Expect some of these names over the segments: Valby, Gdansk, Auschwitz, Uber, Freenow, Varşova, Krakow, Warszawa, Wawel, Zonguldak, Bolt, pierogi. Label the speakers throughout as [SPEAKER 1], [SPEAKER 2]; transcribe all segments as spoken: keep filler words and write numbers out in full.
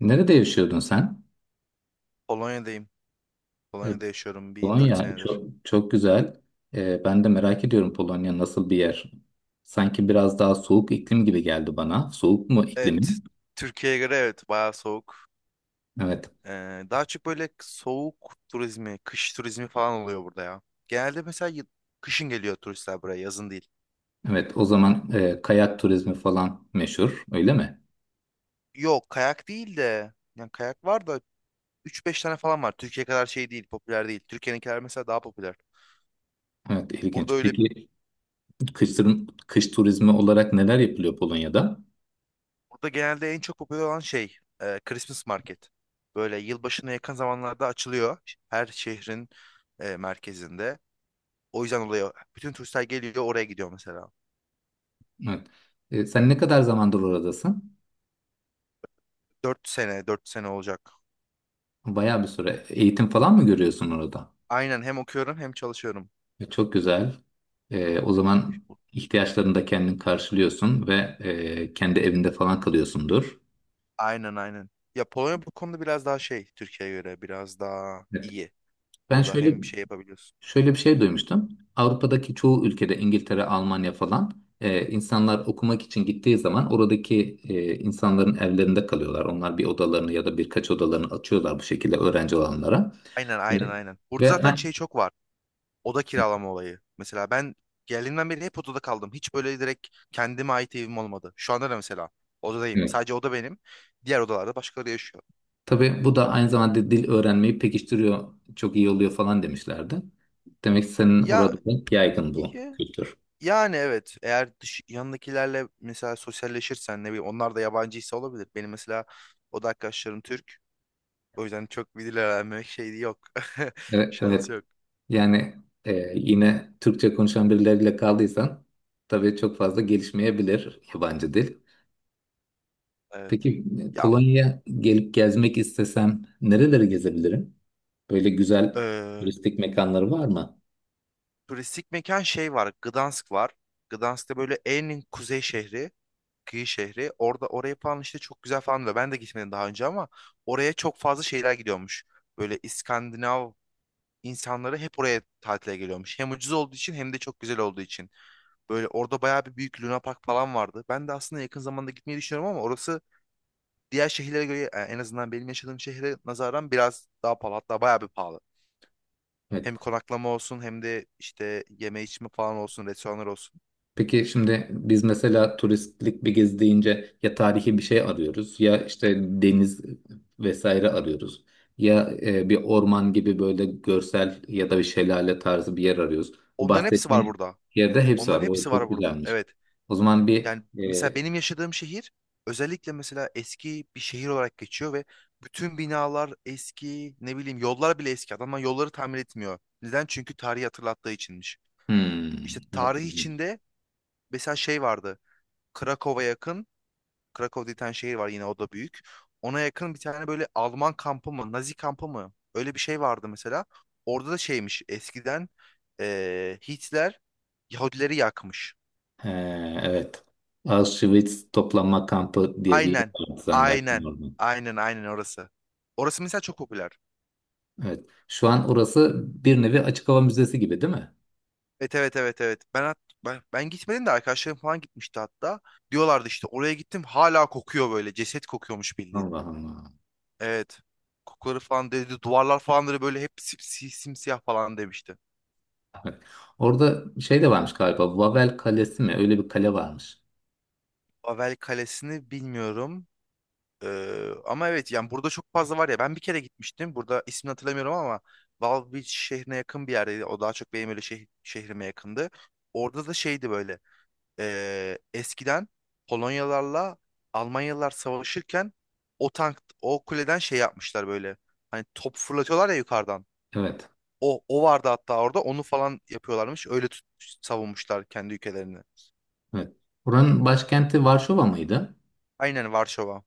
[SPEAKER 1] Nerede yaşıyordun sen?
[SPEAKER 2] Polonya'dayım.
[SPEAKER 1] E,
[SPEAKER 2] Polonya'da yaşıyorum bir dört
[SPEAKER 1] Polonya
[SPEAKER 2] senedir.
[SPEAKER 1] çok çok güzel. E, ben de merak ediyorum, Polonya nasıl bir yer? Sanki biraz daha soğuk iklim gibi geldi bana. Soğuk mu
[SPEAKER 2] Evet,
[SPEAKER 1] iklimin?
[SPEAKER 2] Türkiye'ye göre evet bayağı soğuk.
[SPEAKER 1] Evet.
[SPEAKER 2] Ee, daha çok böyle soğuk turizmi, kış turizmi falan oluyor burada ya. Genelde mesela y- kışın geliyor turistler buraya, yazın değil.
[SPEAKER 1] Evet. O zaman e, kayak turizmi falan meşhur, öyle mi?
[SPEAKER 2] Yok, kayak değil de yani kayak var da üç beş tane falan var. Türkiye kadar şey değil, popüler değil. Türkiye'ninkiler mesela daha popüler.
[SPEAKER 1] Evet,
[SPEAKER 2] Burada
[SPEAKER 1] ilginç.
[SPEAKER 2] öyle
[SPEAKER 1] Peki kış, tur- kış turizmi olarak neler yapılıyor Polonya'da?
[SPEAKER 2] burada genelde en çok popüler olan şey e, Christmas market. Böyle yılbaşına yakın zamanlarda açılıyor her şehrin e, merkezinde. O yüzden oluyor. Bütün turistler geliyor oraya gidiyor mesela.
[SPEAKER 1] Evet. E, sen ne kadar zamandır oradasın?
[SPEAKER 2] Dört sene, dört sene olacak.
[SPEAKER 1] Bayağı bir süre. Eğitim falan mı görüyorsun orada?
[SPEAKER 2] Aynen, hem okuyorum hem çalışıyorum.
[SPEAKER 1] E, Çok güzel. E, o zaman ihtiyaçlarını da kendin karşılıyorsun ve e, kendi evinde falan kalıyorsundur.
[SPEAKER 2] Aynen, aynen. Ya, Polonya bu konuda biraz daha şey, Türkiye'ye göre biraz daha
[SPEAKER 1] Evet.
[SPEAKER 2] iyi.
[SPEAKER 1] Ben
[SPEAKER 2] Burada
[SPEAKER 1] şöyle
[SPEAKER 2] hem şey yapabiliyorsun.
[SPEAKER 1] Şöyle bir şey duymuştum. Avrupa'daki çoğu ülkede, İngiltere, Almanya falan, e, insanlar okumak için gittiği zaman oradaki e, insanların evlerinde kalıyorlar. Onlar bir odalarını ya da birkaç odalarını açıyorlar bu şekilde öğrenci olanlara.
[SPEAKER 2] Aynen, aynen,
[SPEAKER 1] Evet.
[SPEAKER 2] aynen. Burada
[SPEAKER 1] Ve
[SPEAKER 2] zaten
[SPEAKER 1] ha-
[SPEAKER 2] şey çok var. Oda kiralama olayı. Mesela ben geldiğimden beri hep odada kaldım. Hiç böyle direkt kendime ait evim olmadı. Şu anda da mesela odadayım.
[SPEAKER 1] Evet.
[SPEAKER 2] Sadece oda benim. Diğer odalarda başkaları yaşıyor.
[SPEAKER 1] Tabii bu da aynı zamanda dil öğrenmeyi pekiştiriyor, çok iyi oluyor falan demişlerdi. Demek ki senin
[SPEAKER 2] Ya,
[SPEAKER 1] orada da yaygın bu kültür.
[SPEAKER 2] Yani evet, eğer dış, yanındakilerle mesela sosyalleşirsen, ne bileyim, onlar da yabancıysa olabilir. Benim mesela oda arkadaşlarım Türk. O yüzden çok bir dil öğrenmek şeyi yok.
[SPEAKER 1] Evet, evet.
[SPEAKER 2] Şansı yok.
[SPEAKER 1] Yani e, yine Türkçe konuşan birileriyle kaldıysan tabii çok fazla gelişmeyebilir yabancı dil.
[SPEAKER 2] Evet.
[SPEAKER 1] Peki e,
[SPEAKER 2] Ya,
[SPEAKER 1] Polonya'ya gelip gezmek istesem nereleri gezebilirim? Böyle güzel
[SPEAKER 2] eee,
[SPEAKER 1] turistik mekanları var mı?
[SPEAKER 2] turistik mekan şey var. Gdansk var. Gdansk'ta böyle en kuzey şehri. Kıyı şehri. Orada oraya falan işte çok güzel falan diyor. Ben de gitmedim daha önce ama oraya çok fazla şeyler gidiyormuş. Böyle İskandinav insanları hep oraya tatile geliyormuş. Hem ucuz olduğu için hem de çok güzel olduğu için. Böyle orada bayağı bir büyük Luna Park falan vardı. Ben de aslında yakın zamanda gitmeyi düşünüyorum ama orası diğer şehirlere göre, e, en azından benim yaşadığım şehre nazaran, biraz daha pahalı. Hatta bayağı bir pahalı.
[SPEAKER 1] Evet.
[SPEAKER 2] Hem konaklama olsun hem de işte yeme içme falan olsun, restoranlar olsun.
[SPEAKER 1] Peki şimdi biz mesela turistlik bir gezi deyince ya tarihi bir şey arıyoruz ya işte deniz vesaire arıyoruz. Ya e, bir orman gibi böyle görsel ya da bir şelale tarzı bir yer arıyoruz. Bu
[SPEAKER 2] Onların hepsi var
[SPEAKER 1] bahsettiğin
[SPEAKER 2] burada.
[SPEAKER 1] yerde hepsi var.
[SPEAKER 2] Onların
[SPEAKER 1] O
[SPEAKER 2] hepsi
[SPEAKER 1] çok
[SPEAKER 2] var burada.
[SPEAKER 1] güzelmiş.
[SPEAKER 2] Evet.
[SPEAKER 1] O zaman bir
[SPEAKER 2] Yani mesela
[SPEAKER 1] e,
[SPEAKER 2] benim yaşadığım şehir özellikle mesela eski bir şehir olarak geçiyor ve bütün binalar eski, ne bileyim, yollar bile eski. Adamlar yolları tamir etmiyor. Neden? Çünkü tarihi hatırlattığı içinmiş. İşte
[SPEAKER 1] hmm, evet,
[SPEAKER 2] tarih
[SPEAKER 1] ilginç.
[SPEAKER 2] içinde mesela şey vardı. Krakow'a yakın, Krakow diye bir tane şehir var yine, o da büyük. Ona yakın bir tane böyle Alman kampı mı, Nazi kampı mı? Öyle bir şey vardı mesela. Orada da şeymiş eskiden, eee, Hitler Yahudileri yakmış.
[SPEAKER 1] He, evet. Auschwitz toplama kampı diye bir yer
[SPEAKER 2] Aynen.
[SPEAKER 1] vardı zannedersin
[SPEAKER 2] Aynen.
[SPEAKER 1] orada.
[SPEAKER 2] Aynen, aynen orası. Orası mesela çok popüler.
[SPEAKER 1] Evet. Şu an orası bir nevi açık hava müzesi gibi değil mi?
[SPEAKER 2] Evet, evet, evet, evet. Ben hat- ben, ben gitmedim de arkadaşlarım falan gitmişti hatta. Diyorlardı işte oraya gittim hala kokuyor böyle. Ceset kokuyormuş bildiğin.
[SPEAKER 1] Allah Allah.
[SPEAKER 2] Evet. Kokuları falan dedi. Duvarlar falan da böyle hep simsi- simsiyah falan demişti.
[SPEAKER 1] Evet. Orada şey de varmış galiba. Vavel Kalesi mi? Öyle bir kale varmış.
[SPEAKER 2] Babel Kalesi'ni bilmiyorum. Ee, ama evet, yani burada çok fazla var ya. Ben bir kere gitmiştim. Burada ismini hatırlamıyorum ama Valby şehrine yakın bir yerdeydi. O daha çok benim öyle şeh- şehrime yakındı. Orada da şeydi böyle. Ee, eskiden Polonyalarla Almanyalılar savaşırken o tank o kuleden şey yapmışlar böyle. Hani top fırlatıyorlar ya yukarıdan.
[SPEAKER 1] Evet.
[SPEAKER 2] O o vardı hatta, orada onu falan yapıyorlarmış. Öyle tut, savunmuşlar kendi ülkelerini.
[SPEAKER 1] Evet. Buranın başkenti Varşova mıydı?
[SPEAKER 2] Aynen, Varşova.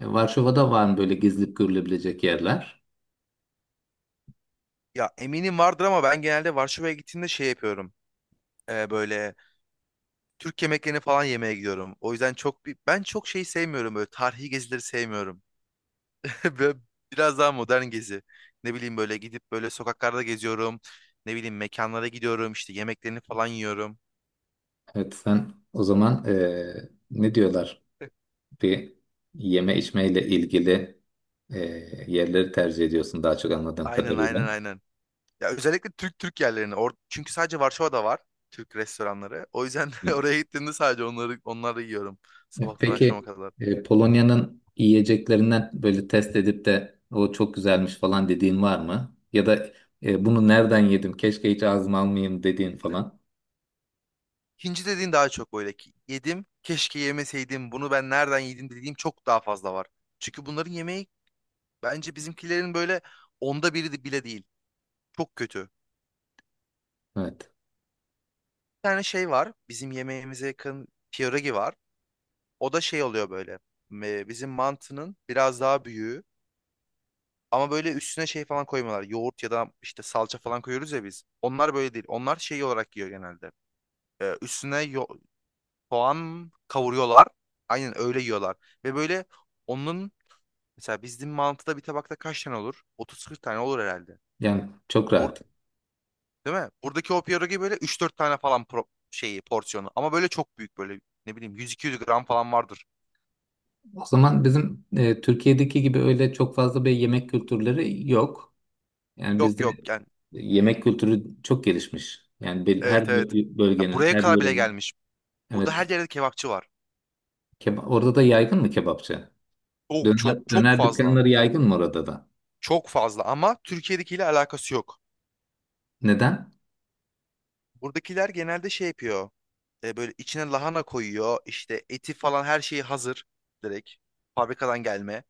[SPEAKER 1] E, Varşova'da var mı böyle gezilip görülebilecek yerler?
[SPEAKER 2] Ya, eminim vardır ama ben genelde Varşova'ya gittiğimde şey yapıyorum. Ee, böyle Türk yemeklerini falan yemeye gidiyorum. O yüzden çok bir- ben çok şey sevmiyorum, böyle tarihi gezileri sevmiyorum. Böyle Biraz daha modern gezi. Ne bileyim, böyle gidip böyle sokaklarda geziyorum. Ne bileyim, mekanlara gidiyorum işte, yemeklerini falan yiyorum.
[SPEAKER 1] Evet, sen o zaman, e, ne diyorlar, bir yeme içmeyle ilgili e, yerleri tercih ediyorsun daha çok anladığım
[SPEAKER 2] Aynen,
[SPEAKER 1] kadarıyla.
[SPEAKER 2] aynen, aynen. Ya, özellikle Türk, Türk yerlerini. Or- çünkü sadece Varşova'da var Türk restoranları. O yüzden oraya gittiğimde sadece onları onları yiyorum sabahtan akşama
[SPEAKER 1] Peki
[SPEAKER 2] kadar.
[SPEAKER 1] e, Polonya'nın yiyeceklerinden böyle test edip de o çok güzelmiş falan dediğin var mı? Ya da e, bunu nereden
[SPEAKER 2] E,
[SPEAKER 1] yedim, keşke hiç ağzıma almayayım dediğin falan?
[SPEAKER 2] Hindi dediğin daha çok böyle ki yedim, keşke yemeseydim. Bunu ben nereden yedim dediğim çok daha fazla var. Çünkü bunların yemeği, bence bizimkilerin böyle onda biri de- bile değil. Çok kötü.
[SPEAKER 1] Evet.
[SPEAKER 2] tane şey var. Bizim yemeğimize yakın pierogi var. O da şey oluyor böyle. e, Bizim mantının biraz daha büyüğü. Ama böyle üstüne şey falan koymuyorlar. Yoğurt ya da işte salça falan koyuyoruz ya biz. Onlar böyle değil. Onlar şey olarak yiyor genelde. E, üstüne yo soğan kavuruyorlar. Aynen öyle yiyorlar. Ve böyle onun mesela bizim mantıda bir tabakta kaç tane olur? otuz kırk tane olur herhalde.
[SPEAKER 1] Yani çok
[SPEAKER 2] Bur
[SPEAKER 1] rahat.
[SPEAKER 2] Değil mi? Buradaki o pierogi böyle üç dört tane falan pro şeyi porsiyonu. Ama böyle çok büyük, böyle ne bileyim yüz iki yüz gram falan vardır.
[SPEAKER 1] O zaman bizim e, Türkiye'deki gibi öyle çok fazla bir yemek kültürleri yok. Yani
[SPEAKER 2] Yok,
[SPEAKER 1] bizde
[SPEAKER 2] yok, yani
[SPEAKER 1] yemek kültürü çok gelişmiş. Yani bel- her
[SPEAKER 2] evet, evet.
[SPEAKER 1] bö-
[SPEAKER 2] Ya,
[SPEAKER 1] bölgenin,
[SPEAKER 2] buraya
[SPEAKER 1] her
[SPEAKER 2] kadar bile
[SPEAKER 1] yörenin.
[SPEAKER 2] gelmiş. Burada
[SPEAKER 1] Evet.
[SPEAKER 2] her yerde kebapçı var.
[SPEAKER 1] Keba- orada da yaygın mı kebapçı?
[SPEAKER 2] Çok,
[SPEAKER 1] Döner,
[SPEAKER 2] çok, çok
[SPEAKER 1] döner
[SPEAKER 2] fazla.
[SPEAKER 1] dükkanları yaygın mı orada da?
[SPEAKER 2] Çok fazla ama Türkiye'dekiyle alakası yok.
[SPEAKER 1] Neden?
[SPEAKER 2] Buradakiler genelde şey yapıyor. E, böyle içine lahana koyuyor. İşte eti falan, her şeyi hazır. Direkt fabrikadan gelme.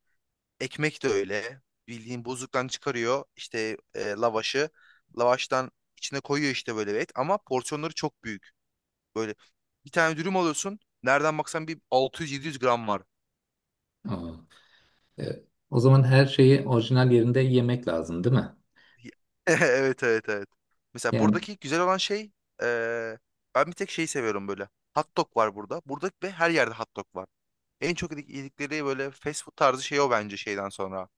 [SPEAKER 2] Ekmek de öyle. Bildiğin buzluktan çıkarıyor. İşte e, lavaşı. Lavaştan içine koyuyor işte böyle bir et. Ama porsiyonları çok büyük. Böyle bir tane dürüm alıyorsun. Nereden baksan bir altı yüz yedi yüz gram var.
[SPEAKER 1] Aa. Evet. O zaman her şeyi orijinal yerinde yemek lazım, değil mi?
[SPEAKER 2] Evet, evet, evet. Mesela
[SPEAKER 1] Yani
[SPEAKER 2] buradaki güzel olan şey, eee, ben bir tek şeyi seviyorum böyle. Hot dog var burada. Burada ve her yerde hot dog var. En çok yedik- yedikleri böyle fast food tarzı şey o, bence şeyden sonra.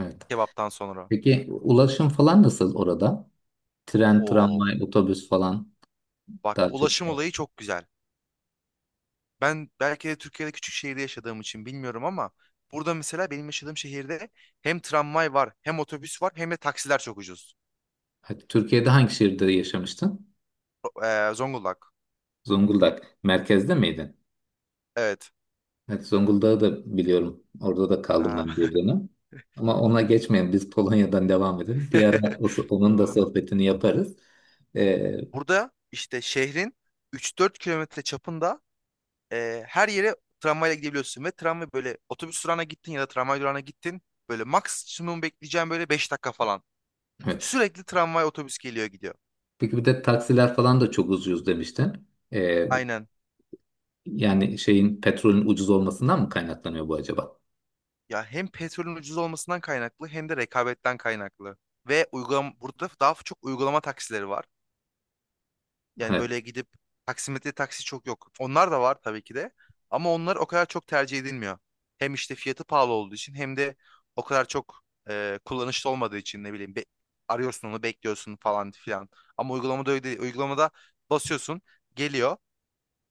[SPEAKER 1] evet.
[SPEAKER 2] Kebaptan sonra.
[SPEAKER 1] Peki ulaşım falan nasıl orada? Tren,
[SPEAKER 2] Oo,
[SPEAKER 1] tramvay, otobüs falan
[SPEAKER 2] bak,
[SPEAKER 1] daha çok.
[SPEAKER 2] ulaşım olayı çok güzel. Ben belki de Türkiye'de küçük şehirde yaşadığım için bilmiyorum ama burada mesela benim yaşadığım şehirde hem tramvay var, hem otobüs var, hem de taksiler çok ucuz.
[SPEAKER 1] Evet, Türkiye'de hangi şehirde yaşamıştın?
[SPEAKER 2] Eee, Zonguldak.
[SPEAKER 1] Zonguldak. Merkezde miydin?
[SPEAKER 2] Evet.
[SPEAKER 1] Evet, Zonguldak'ı da biliyorum. Orada da kaldım ben
[SPEAKER 2] Aa.
[SPEAKER 1] bir dönem. Ama ona geçmeyelim. Biz Polonya'dan devam edelim. Bir ara o- onun da
[SPEAKER 2] Tamamdır.
[SPEAKER 1] sohbetini yaparız. Ee,
[SPEAKER 2] Burada işte şehrin üç dört kilometre çapında, e, her yere tramvayla gidebiliyorsun ve tramvay, böyle otobüs durağına gittin ya da tramvay durağına gittin, böyle maksimum bekleyeceğim böyle beş dakika falan.
[SPEAKER 1] evet.
[SPEAKER 2] Sürekli tramvay, otobüs geliyor gidiyor.
[SPEAKER 1] Peki bir de taksiler falan da çok ucuz demiştin. Ee,
[SPEAKER 2] Aynen.
[SPEAKER 1] Yani şeyin, petrolün ucuz olmasından mı kaynaklanıyor bu acaba?
[SPEAKER 2] Ya, hem petrolün ucuz olmasından kaynaklı hem de rekabetten kaynaklı. Ve uygulam, burada daha çok uygulama taksileri var. Yani
[SPEAKER 1] Evet.
[SPEAKER 2] böyle gidip taksimetre taksi çok yok. Onlar da var tabii ki de. Ama onlar o kadar çok tercih edilmiyor. Hem işte fiyatı pahalı olduğu için, hem de o kadar çok e, kullanışlı olmadığı için, ne bileyim be- arıyorsun, onu bekliyorsun falan filan. Ama uygulamada öyle değil. Uygulamada basıyorsun, geliyor,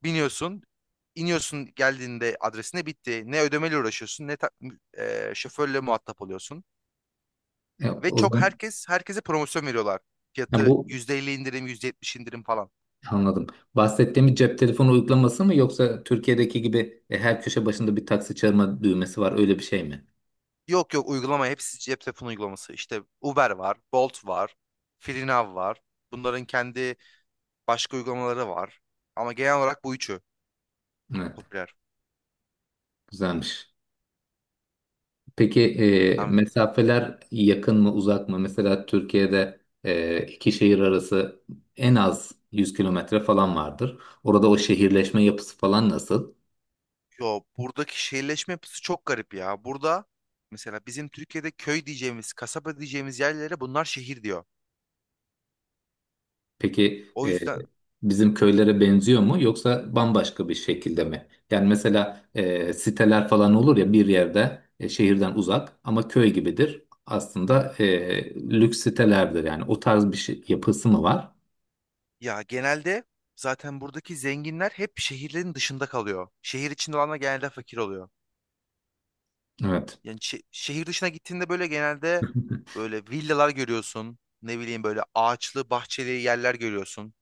[SPEAKER 2] biniyorsun, iniyorsun, geldiğinde adresine bitti. Ne ödemeyle uğraşıyorsun, ne ta- e, şoförle muhatap oluyorsun.
[SPEAKER 1] E,
[SPEAKER 2] Ve
[SPEAKER 1] o
[SPEAKER 2] çok,
[SPEAKER 1] zaman
[SPEAKER 2] herkes herkese promosyon veriyorlar.
[SPEAKER 1] ya
[SPEAKER 2] Fiyatı
[SPEAKER 1] bu
[SPEAKER 2] yüzde elli indirim, yüzde yetmiş indirim falan.
[SPEAKER 1] anladım. Bahsettiğimiz cep telefonu uygulaması mı, yoksa Türkiye'deki gibi e, her köşe başında bir taksi çağırma düğmesi var öyle bir şey mi?
[SPEAKER 2] Yok, yok, uygulama hepsi cep telefonu uygulaması. İşte Uber var, Bolt var, Freenow var. Bunların kendi başka uygulamaları var. Ama genel olarak bu üçü
[SPEAKER 1] Evet.
[SPEAKER 2] popüler.
[SPEAKER 1] Güzelmiş. Peki e,
[SPEAKER 2] Yani,
[SPEAKER 1] mesafeler yakın mı uzak mı? Mesela Türkiye'de e, iki şehir arası en az yüz kilometre falan vardır. Orada o şehirleşme yapısı falan nasıl?
[SPEAKER 2] yo, buradaki şehirleşme yapısı çok garip ya. Burada mesela bizim Türkiye'de köy diyeceğimiz, kasaba diyeceğimiz yerlere bunlar şehir diyor.
[SPEAKER 1] Peki
[SPEAKER 2] O
[SPEAKER 1] e,
[SPEAKER 2] yüzden
[SPEAKER 1] bizim köylere benziyor mu yoksa bambaşka bir şekilde mi? Yani mesela e, siteler falan olur ya bir yerde, e, şehirden uzak ama köy gibidir. Aslında e, lüks sitelerdir yani, o tarz bir şey, yapısı mı var?
[SPEAKER 2] ya, genelde zaten buradaki zenginler hep şehirlerin dışında kalıyor. Şehir içinde olanlar genelde fakir oluyor.
[SPEAKER 1] Evet.
[SPEAKER 2] Yani şe- şehir dışına gittiğinde böyle, genelde böyle villalar görüyorsun. Ne bileyim, böyle ağaçlı, bahçeli yerler görüyorsun.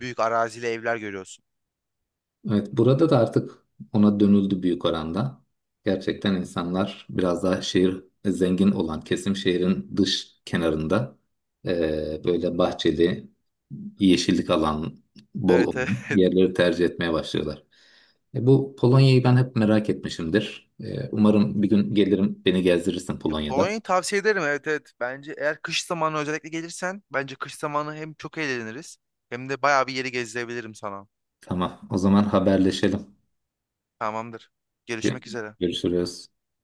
[SPEAKER 2] Büyük arazili evler görüyorsun.
[SPEAKER 1] Evet, burada da artık ona dönüldü büyük oranda. Gerçekten insanlar biraz daha şehir, e, zengin olan kesim şehrin dış kenarında eee, böyle bahçeli, yeşillik alan, bol
[SPEAKER 2] Evet,
[SPEAKER 1] olan
[SPEAKER 2] evet.
[SPEAKER 1] yerleri tercih etmeye başlıyorlar. E, bu Polonya'yı ben hep merak etmişimdir. E, umarım bir gün gelirim, beni gezdirirsin
[SPEAKER 2] Ya,
[SPEAKER 1] Polonya'da.
[SPEAKER 2] Polonya'yı tavsiye ederim, evet, evet. Bence eğer kış zamanı özellikle gelirsen, bence kış zamanı hem çok eğleniriz hem de bayağı bir yeri gezdirebilirim sana.
[SPEAKER 1] Tamam, o zaman haberleşelim.
[SPEAKER 2] Tamamdır. Görüşmek üzere.
[SPEAKER 1] Görüşürüz.